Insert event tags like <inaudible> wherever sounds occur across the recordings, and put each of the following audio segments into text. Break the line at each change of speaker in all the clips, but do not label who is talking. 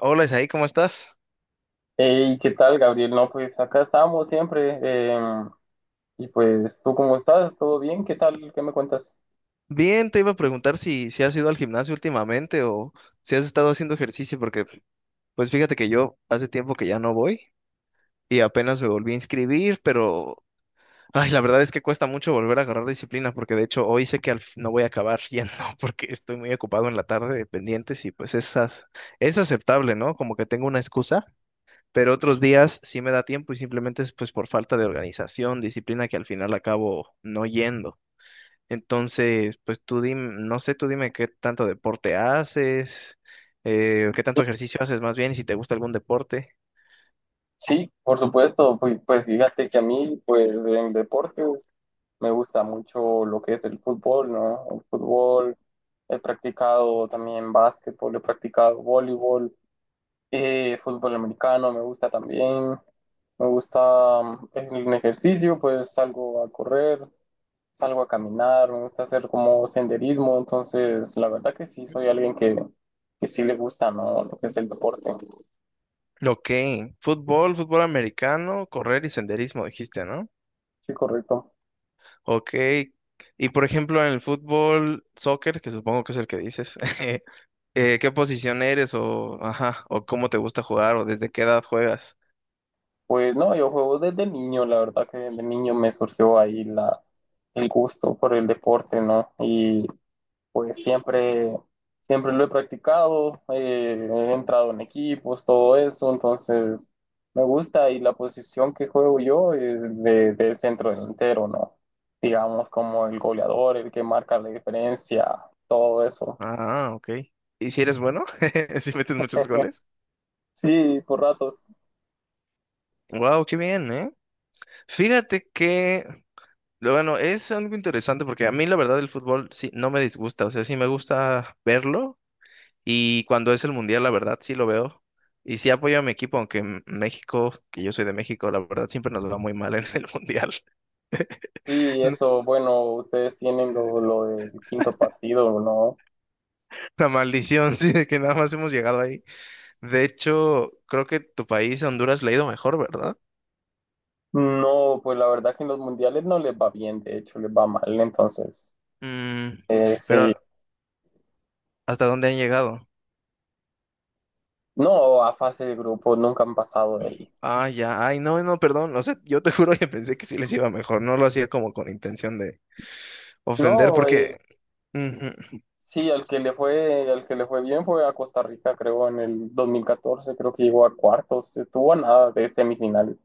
Hola Isaí, ¿cómo estás?
Hey, ¿qué tal, Gabriel? No, pues acá estamos siempre. em, y pues, ¿tú cómo estás? ¿Todo bien? ¿Qué tal? ¿Qué me cuentas?
Bien, te iba a preguntar si has ido al gimnasio últimamente o si has estado haciendo ejercicio, porque pues fíjate que yo hace tiempo que ya no voy y apenas me volví a inscribir, pero ay, la verdad es que cuesta mucho volver a agarrar disciplina, porque de hecho hoy sé que al fin no voy a acabar yendo <laughs> porque estoy muy ocupado en la tarde de pendientes y pues esas es aceptable, ¿no? Como que tengo una excusa, pero otros días sí me da tiempo y simplemente es pues por falta de organización, disciplina que al final acabo no yendo. Entonces, pues tú dime, no sé, tú dime qué tanto deporte haces, qué tanto ejercicio haces más bien y si te gusta algún deporte.
Sí, por supuesto. Pues fíjate que a mí, pues en deportes, me gusta mucho lo que es el fútbol, ¿no? El fútbol, he practicado también básquetbol, he practicado voleibol, fútbol americano, me gusta también. Me gusta en el ejercicio, pues salgo a correr. Salgo a caminar, me gusta hacer como senderismo, entonces la verdad que sí, soy alguien que sí le gusta, ¿no? Lo que es el deporte.
Ok, fútbol, fútbol americano, correr y senderismo, dijiste, ¿no?
Sí, correcto.
Ok, y por ejemplo en el fútbol, soccer, que supongo que es el que dices, <laughs> ¿qué posición eres o, ajá, o cómo te gusta jugar o desde qué edad juegas?
Pues no, yo juego desde niño, la verdad que desde niño me surgió ahí la, el gusto por el deporte, ¿no? Y pues siempre, siempre lo he practicado, he entrado en equipos, todo eso, entonces me gusta y la posición que juego yo es de centro delantero, ¿no? Digamos como el goleador, el que marca la diferencia, todo eso.
Ah, ok. ¿Y si eres bueno? <laughs> ¿Si metes muchos goles?
Sí, por ratos.
Wow, qué bien, ¿eh? Fíjate que lo bueno, es algo interesante porque a mí la verdad el fútbol sí no me disgusta, o sea, sí me gusta verlo y cuando es el mundial la verdad sí lo veo y sí apoyo a mi equipo, aunque en México, que yo soy de México, la verdad siempre nos va muy mal en el <laughs> mundial. <laughs>
Sí, eso, bueno, ustedes tienen lo del quinto partido, ¿no?
La maldición, sí, de que nada más hemos llegado ahí. De hecho, creo que tu país, Honduras, le ha ido mejor, ¿verdad?
No, pues la verdad que en los mundiales no les va bien, de hecho les va mal, entonces,
Mm,
sí.
pero ¿hasta dónde han llegado?
No, a fase de grupo nunca han pasado de ahí.
Ah, ya, ay, no, no, perdón, o sea, yo te <laughs> juro que pensé que sí les iba mejor, no lo hacía como con intención de ofender,
No,
porque Ujú.
sí, al que le fue bien fue a Costa Rica, creo, en el 2014, creo que llegó a cuartos, estuvo a nada de semifinales.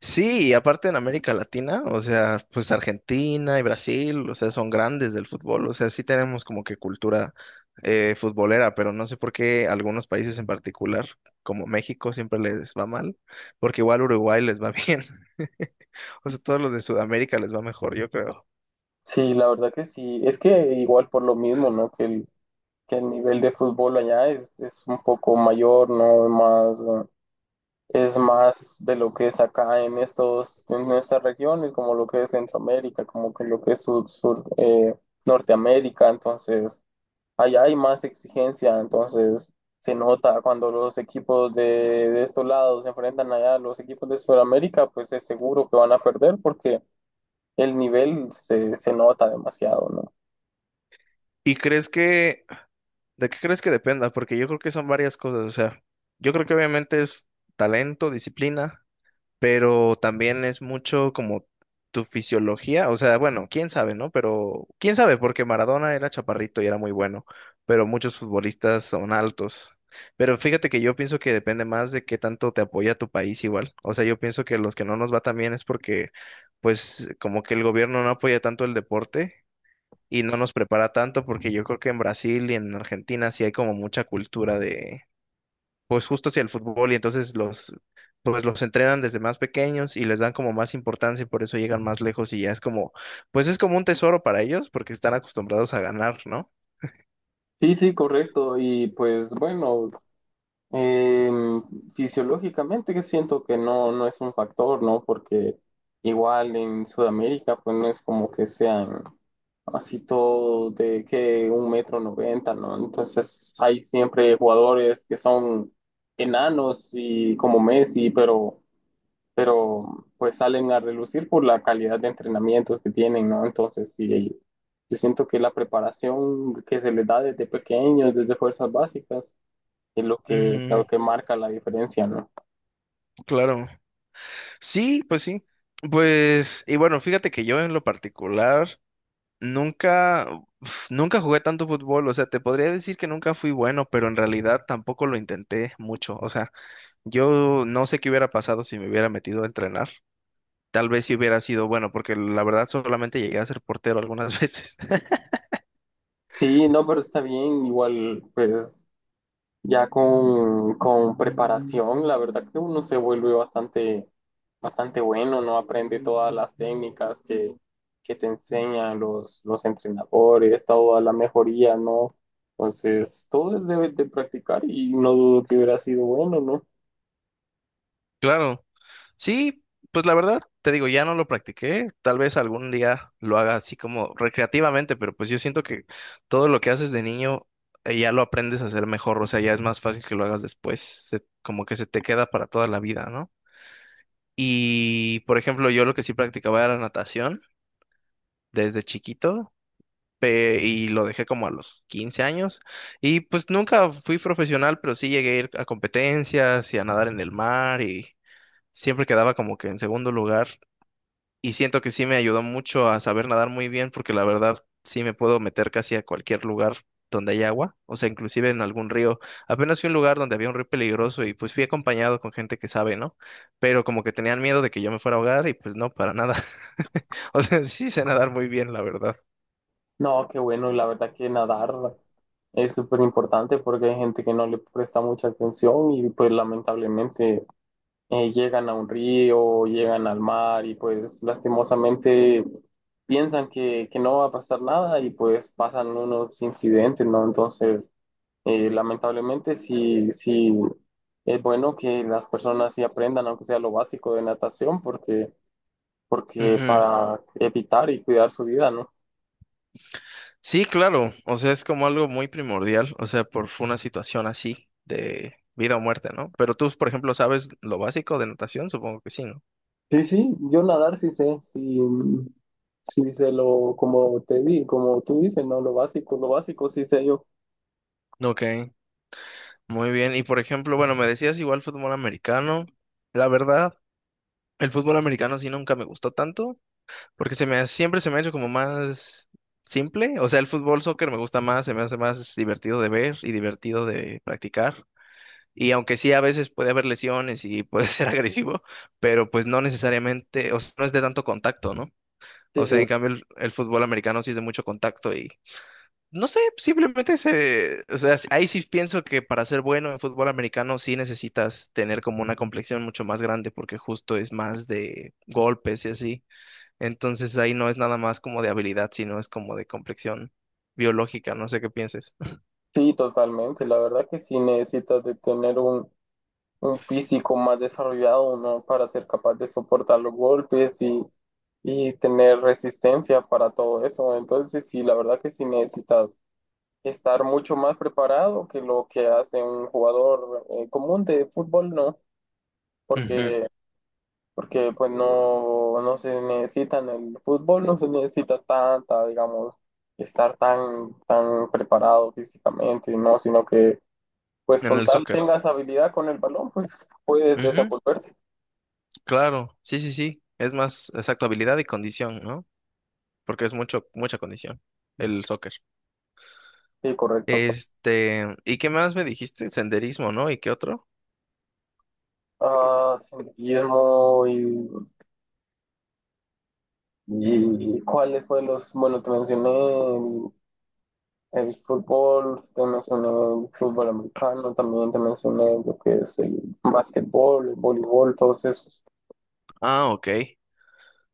Sí, y aparte en América Latina, o sea, pues Argentina y Brasil, o sea, son grandes del fútbol, o sea, sí tenemos como que cultura futbolera, pero no sé por qué algunos países en particular, como México, siempre les va mal, porque igual Uruguay les va bien, <laughs> o sea, todos los de Sudamérica les va mejor, yo creo.
Sí, la verdad que sí. Es que igual por lo mismo, ¿no? Que el nivel de fútbol allá es un poco mayor, ¿no? Más, es más de lo que es acá en estas regiones, como lo que es Centroamérica, como que lo que es sur, Norteamérica, entonces. Allá hay más exigencia, entonces se nota cuando los equipos de estos lados se enfrentan allá a los equipos de Sudamérica, pues es seguro que van a perder porque el nivel se nota demasiado, ¿no?
¿Y crees que, de qué crees que dependa? Porque yo creo que son varias cosas, o sea, yo creo que obviamente es talento, disciplina, pero también es mucho como tu fisiología, o sea, bueno, quién sabe, ¿no? Pero quién sabe, porque Maradona era chaparrito y era muy bueno, pero muchos futbolistas son altos. Pero fíjate que yo pienso que depende más de qué tanto te apoya tu país igual. O sea, yo pienso que los que no nos va tan bien es porque, pues, como que el gobierno no apoya tanto el deporte y no nos prepara tanto, porque yo creo que en Brasil y en Argentina sí hay como mucha cultura pues justo hacia el fútbol y entonces los, pues los entrenan desde más pequeños y les dan como más importancia y por eso llegan más lejos y ya es como, pues es como un tesoro para ellos porque están acostumbrados a ganar, ¿no?
Sí, sí, correcto. Y pues bueno, Em, fisiológicamente que siento que no es un factor, ¿no? Porque igual en Sudamérica, pues no es como que sean así todo de que un metro noventa, ¿no? Entonces hay siempre jugadores que son enanos y como Messi, pero pues salen a relucir por la calidad de entrenamientos que tienen, ¿no? Entonces sí, yo siento que la preparación que se les da desde pequeños, desde fuerzas básicas, es lo que,
Ujú,
lo que marca la diferencia, ¿no?
claro. Sí. Pues, y bueno, fíjate que yo en lo particular nunca, uf, nunca jugué tanto fútbol, o sea, te podría decir que nunca fui bueno, pero en realidad tampoco lo intenté mucho, o sea, yo no sé qué hubiera pasado si me hubiera metido a entrenar. Tal vez si hubiera sido bueno, porque la verdad solamente llegué a ser portero algunas <laughs> veces.
Sí, no, pero está bien, igual, pues ya con preparación, la verdad que uno se vuelve bastante, bastante bueno, ¿no? Aprende todas las técnicas que te enseñan los entrenadores, toda la mejoría, ¿no? Entonces, todo es de practicar y no dudo que hubiera sido bueno, ¿no?
Claro. Sí, pues la verdad, te digo, ya no lo practiqué. Tal vez algún día lo haga así como recreativamente, pero pues yo siento que todo lo que haces de niño ya lo aprendes a hacer mejor, o sea, ya es más fácil que lo hagas después, como que se te queda para toda la vida, ¿no? Y, por ejemplo, yo lo que sí practicaba era natación desde chiquito, y lo dejé como a los 15 años. Y pues nunca fui profesional, pero sí llegué a ir a competencias y a nadar en el mar y siempre quedaba como que en segundo lugar. Y siento que sí me ayudó mucho a saber nadar muy bien porque la verdad sí me puedo meter casi a cualquier lugar donde hay agua, o sea, inclusive en algún río. Apenas fui a un lugar donde había un río peligroso y pues fui acompañado con gente que sabe, ¿no? Pero como que tenían miedo de que yo me fuera a ahogar y pues no, para nada. <laughs> O sea, sí sé nadar muy bien, la verdad.
No, qué bueno, y la verdad que nadar es súper importante porque hay gente que no le presta mucha atención y pues lamentablemente llegan a un río, llegan al mar y pues lastimosamente piensan que no va a pasar nada y pues pasan unos incidentes, ¿no? Entonces, lamentablemente sí, sí es bueno que las personas sí aprendan, aunque sea lo básico de natación, porque
Ujú.
para evitar y cuidar su vida, ¿no?
Sí, claro, o sea, es como algo muy primordial, o sea, por una situación así de vida o muerte, ¿no? Pero tú, por ejemplo, sabes lo básico de natación, supongo que sí, ¿no?
Sí, sí, yo nadar sí sé, sí, sí sé lo, como tú dices, ¿no? Lo básico sí sé yo.
Ok, muy bien. Y por ejemplo, bueno, me decías igual fútbol americano. La verdad, el fútbol americano sí nunca me gustó tanto, porque siempre se me ha hecho como más simple, o sea, el fútbol soccer me gusta más, se me hace más divertido de ver y divertido de practicar. Y aunque sí, a veces puede haber lesiones y puede ser <laughs> agresivo, pero pues no necesariamente, o sea, no es de tanto contacto, ¿no?
Sí,
O sea,
sí,
en cambio el fútbol americano sí es de mucho contacto y no sé, simplemente se, o sea, ahí sí pienso que para ser bueno en fútbol americano sí necesitas tener como una complexión mucho más grande porque justo es más de golpes y así. Entonces ahí no es nada más como de habilidad, sino es como de complexión biológica, no sé qué pienses.
sí, totalmente. La verdad que sí necesitas de tener un físico más desarrollado, ¿no? Para ser capaz de soportar los golpes y tener resistencia para todo eso. Entonces, sí, la verdad que sí necesitas estar mucho más preparado que lo que hace un jugador común de fútbol, ¿no?
Ujú,
Porque porque pues no se necesita en el fútbol, no se necesita tanta, digamos, estar tan preparado físicamente, ¿no? Sino que pues
en
con
el
tal
soccer.
tengas habilidad con el balón, pues puedes desenvolverte.
Claro, sí, sí, sí. Es más, exacto, habilidad y condición, ¿no? Porque es mucho, mucha condición, el soccer.
Sí, correcto.
Este, ¿y qué más me dijiste? Senderismo, ¿no? ¿Y qué otro?
Ah, sí, Guillermo, y cuáles fueron los, bueno, te mencioné el fútbol, te mencioné el fútbol americano, también te mencioné lo que es el básquetbol, el voleibol, todos esos.
Ah, ok.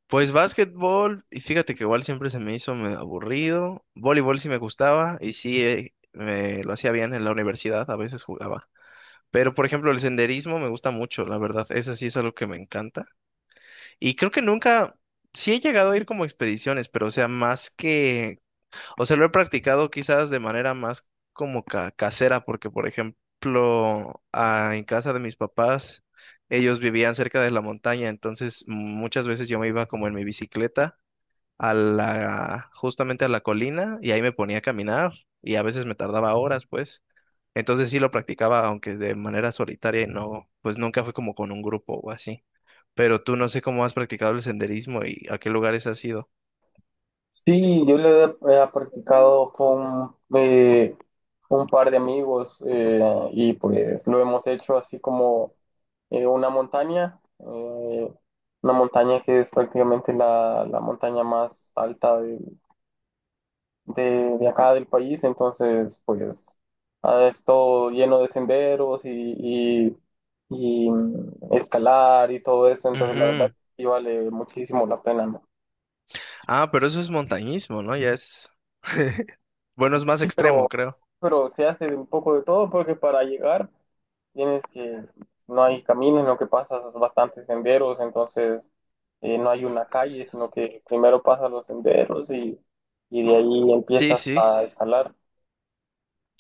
Pues básquetbol, y fíjate que igual siempre se me hizo medio aburrido. Voleibol sí me gustaba y sí me lo hacía bien en la universidad, a veces jugaba. Pero por ejemplo, el senderismo me gusta mucho, la verdad, eso sí es algo que me encanta. Y creo que nunca, sí he llegado a ir como a expediciones, pero o sea, más que O sea, lo he practicado quizás de manera más como casera, porque por ejemplo, ah, en casa de mis papás, ellos vivían cerca de la montaña, entonces muchas veces yo me iba como en mi bicicleta a la, justamente a la colina y ahí me ponía a caminar y a veces me tardaba horas, pues. Entonces sí lo practicaba, aunque de manera solitaria y no, pues nunca fue como con un grupo o así. Pero tú no sé cómo has practicado el senderismo y a qué lugares has ido.
Sí, yo lo he, practicado con un par de amigos y pues lo hemos hecho así como eh, una montaña, eh, una montaña que es prácticamente la montaña más alta de acá del país, entonces pues es todo lleno de senderos y- y escalar y todo eso, entonces la verdad que
Ujú.
sí vale muchísimo la pena, ¿no?
Ah, pero eso es montañismo, ¿no? Ya es... <laughs> Bueno, es más
Sí,
extremo,
pero
creo.
pero se hace de un poco de todo porque para llegar tienes no hay caminos, lo que pasas bastantes senderos, entonces no hay una calle, sino que primero pasas los senderos y de ahí
Sí,
empiezas
sí.
a escalar.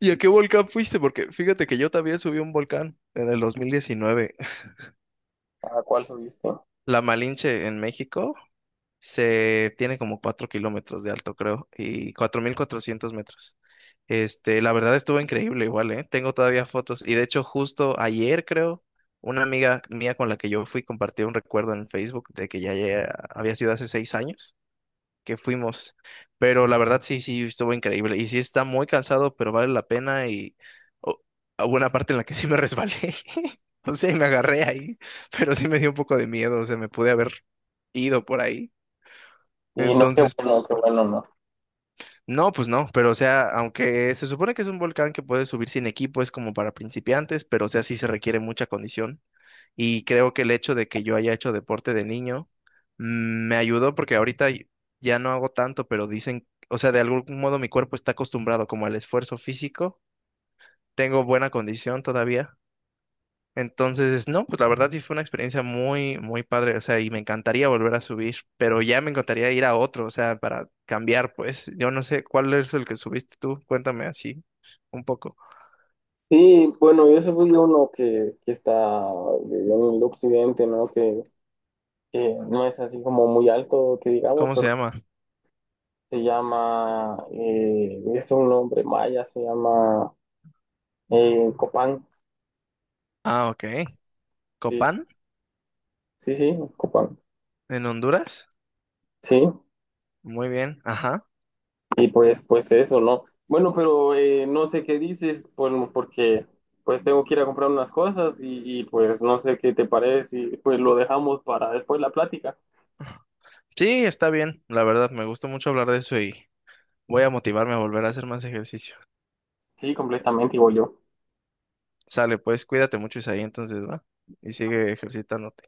¿Y a qué volcán fuiste? Porque fíjate que yo también subí a un volcán en el 2019. <laughs>
¿A cuál subiste?
La Malinche en México se tiene como 4 kilómetros de alto, creo, y 4.400 metros. Este, la verdad estuvo increíble igual, ¿eh? Tengo todavía fotos. Y de hecho, justo ayer, creo, una amiga mía con la que yo fui compartió un recuerdo en Facebook de que ya había sido hace 6 años que fuimos. Pero la verdad sí, sí, estuvo increíble. Y sí está muy cansado, pero vale la pena. Y o- hubo una parte en la que sí me resbalé. <laughs> O sea, y me agarré ahí, pero sí me dio un poco de miedo. O sea, me pude haber ido por ahí.
Y no,
Entonces,
qué bueno, no.
no, pues no, pero o sea, aunque se supone que es un volcán que puedes subir sin equipo, es como para principiantes, pero o sea, sí se requiere mucha condición. Y creo que el hecho de que yo haya hecho deporte de niño me ayudó porque ahorita ya no hago tanto, pero dicen, o sea, de algún modo mi cuerpo está acostumbrado como al esfuerzo físico. Tengo buena condición todavía. Entonces, no, pues la verdad sí fue una experiencia muy, muy padre, o sea, y me encantaría volver a subir, pero ya me encantaría ir a otro, o sea, para cambiar, pues, yo no sé cuál es el que subiste tú, cuéntame así un poco.
Sí, bueno, yo subí uno que está en el occidente, ¿no? Que no es así como muy alto, que digamos,
¿Cómo se
pero
llama?
se llama, es un nombre maya, se llama Copán,
Ah, ok.
sí,
Copán,
sí, sí, Copán,
en Honduras.
sí,
Muy bien, ajá.
y pues eso, ¿no? Bueno, pero no sé qué dices, pues, porque pues tengo que ir a comprar unas cosas y pues no sé qué te parece, y pues lo dejamos para después la plática.
Sí, está bien, la verdad, me gusta mucho hablar de eso y voy a motivarme a volver a hacer más ejercicio.
Sí, completamente, igual yo.
Sale, pues cuídate mucho, Isaí, entonces, ¿va? Y sigue ejercitándote.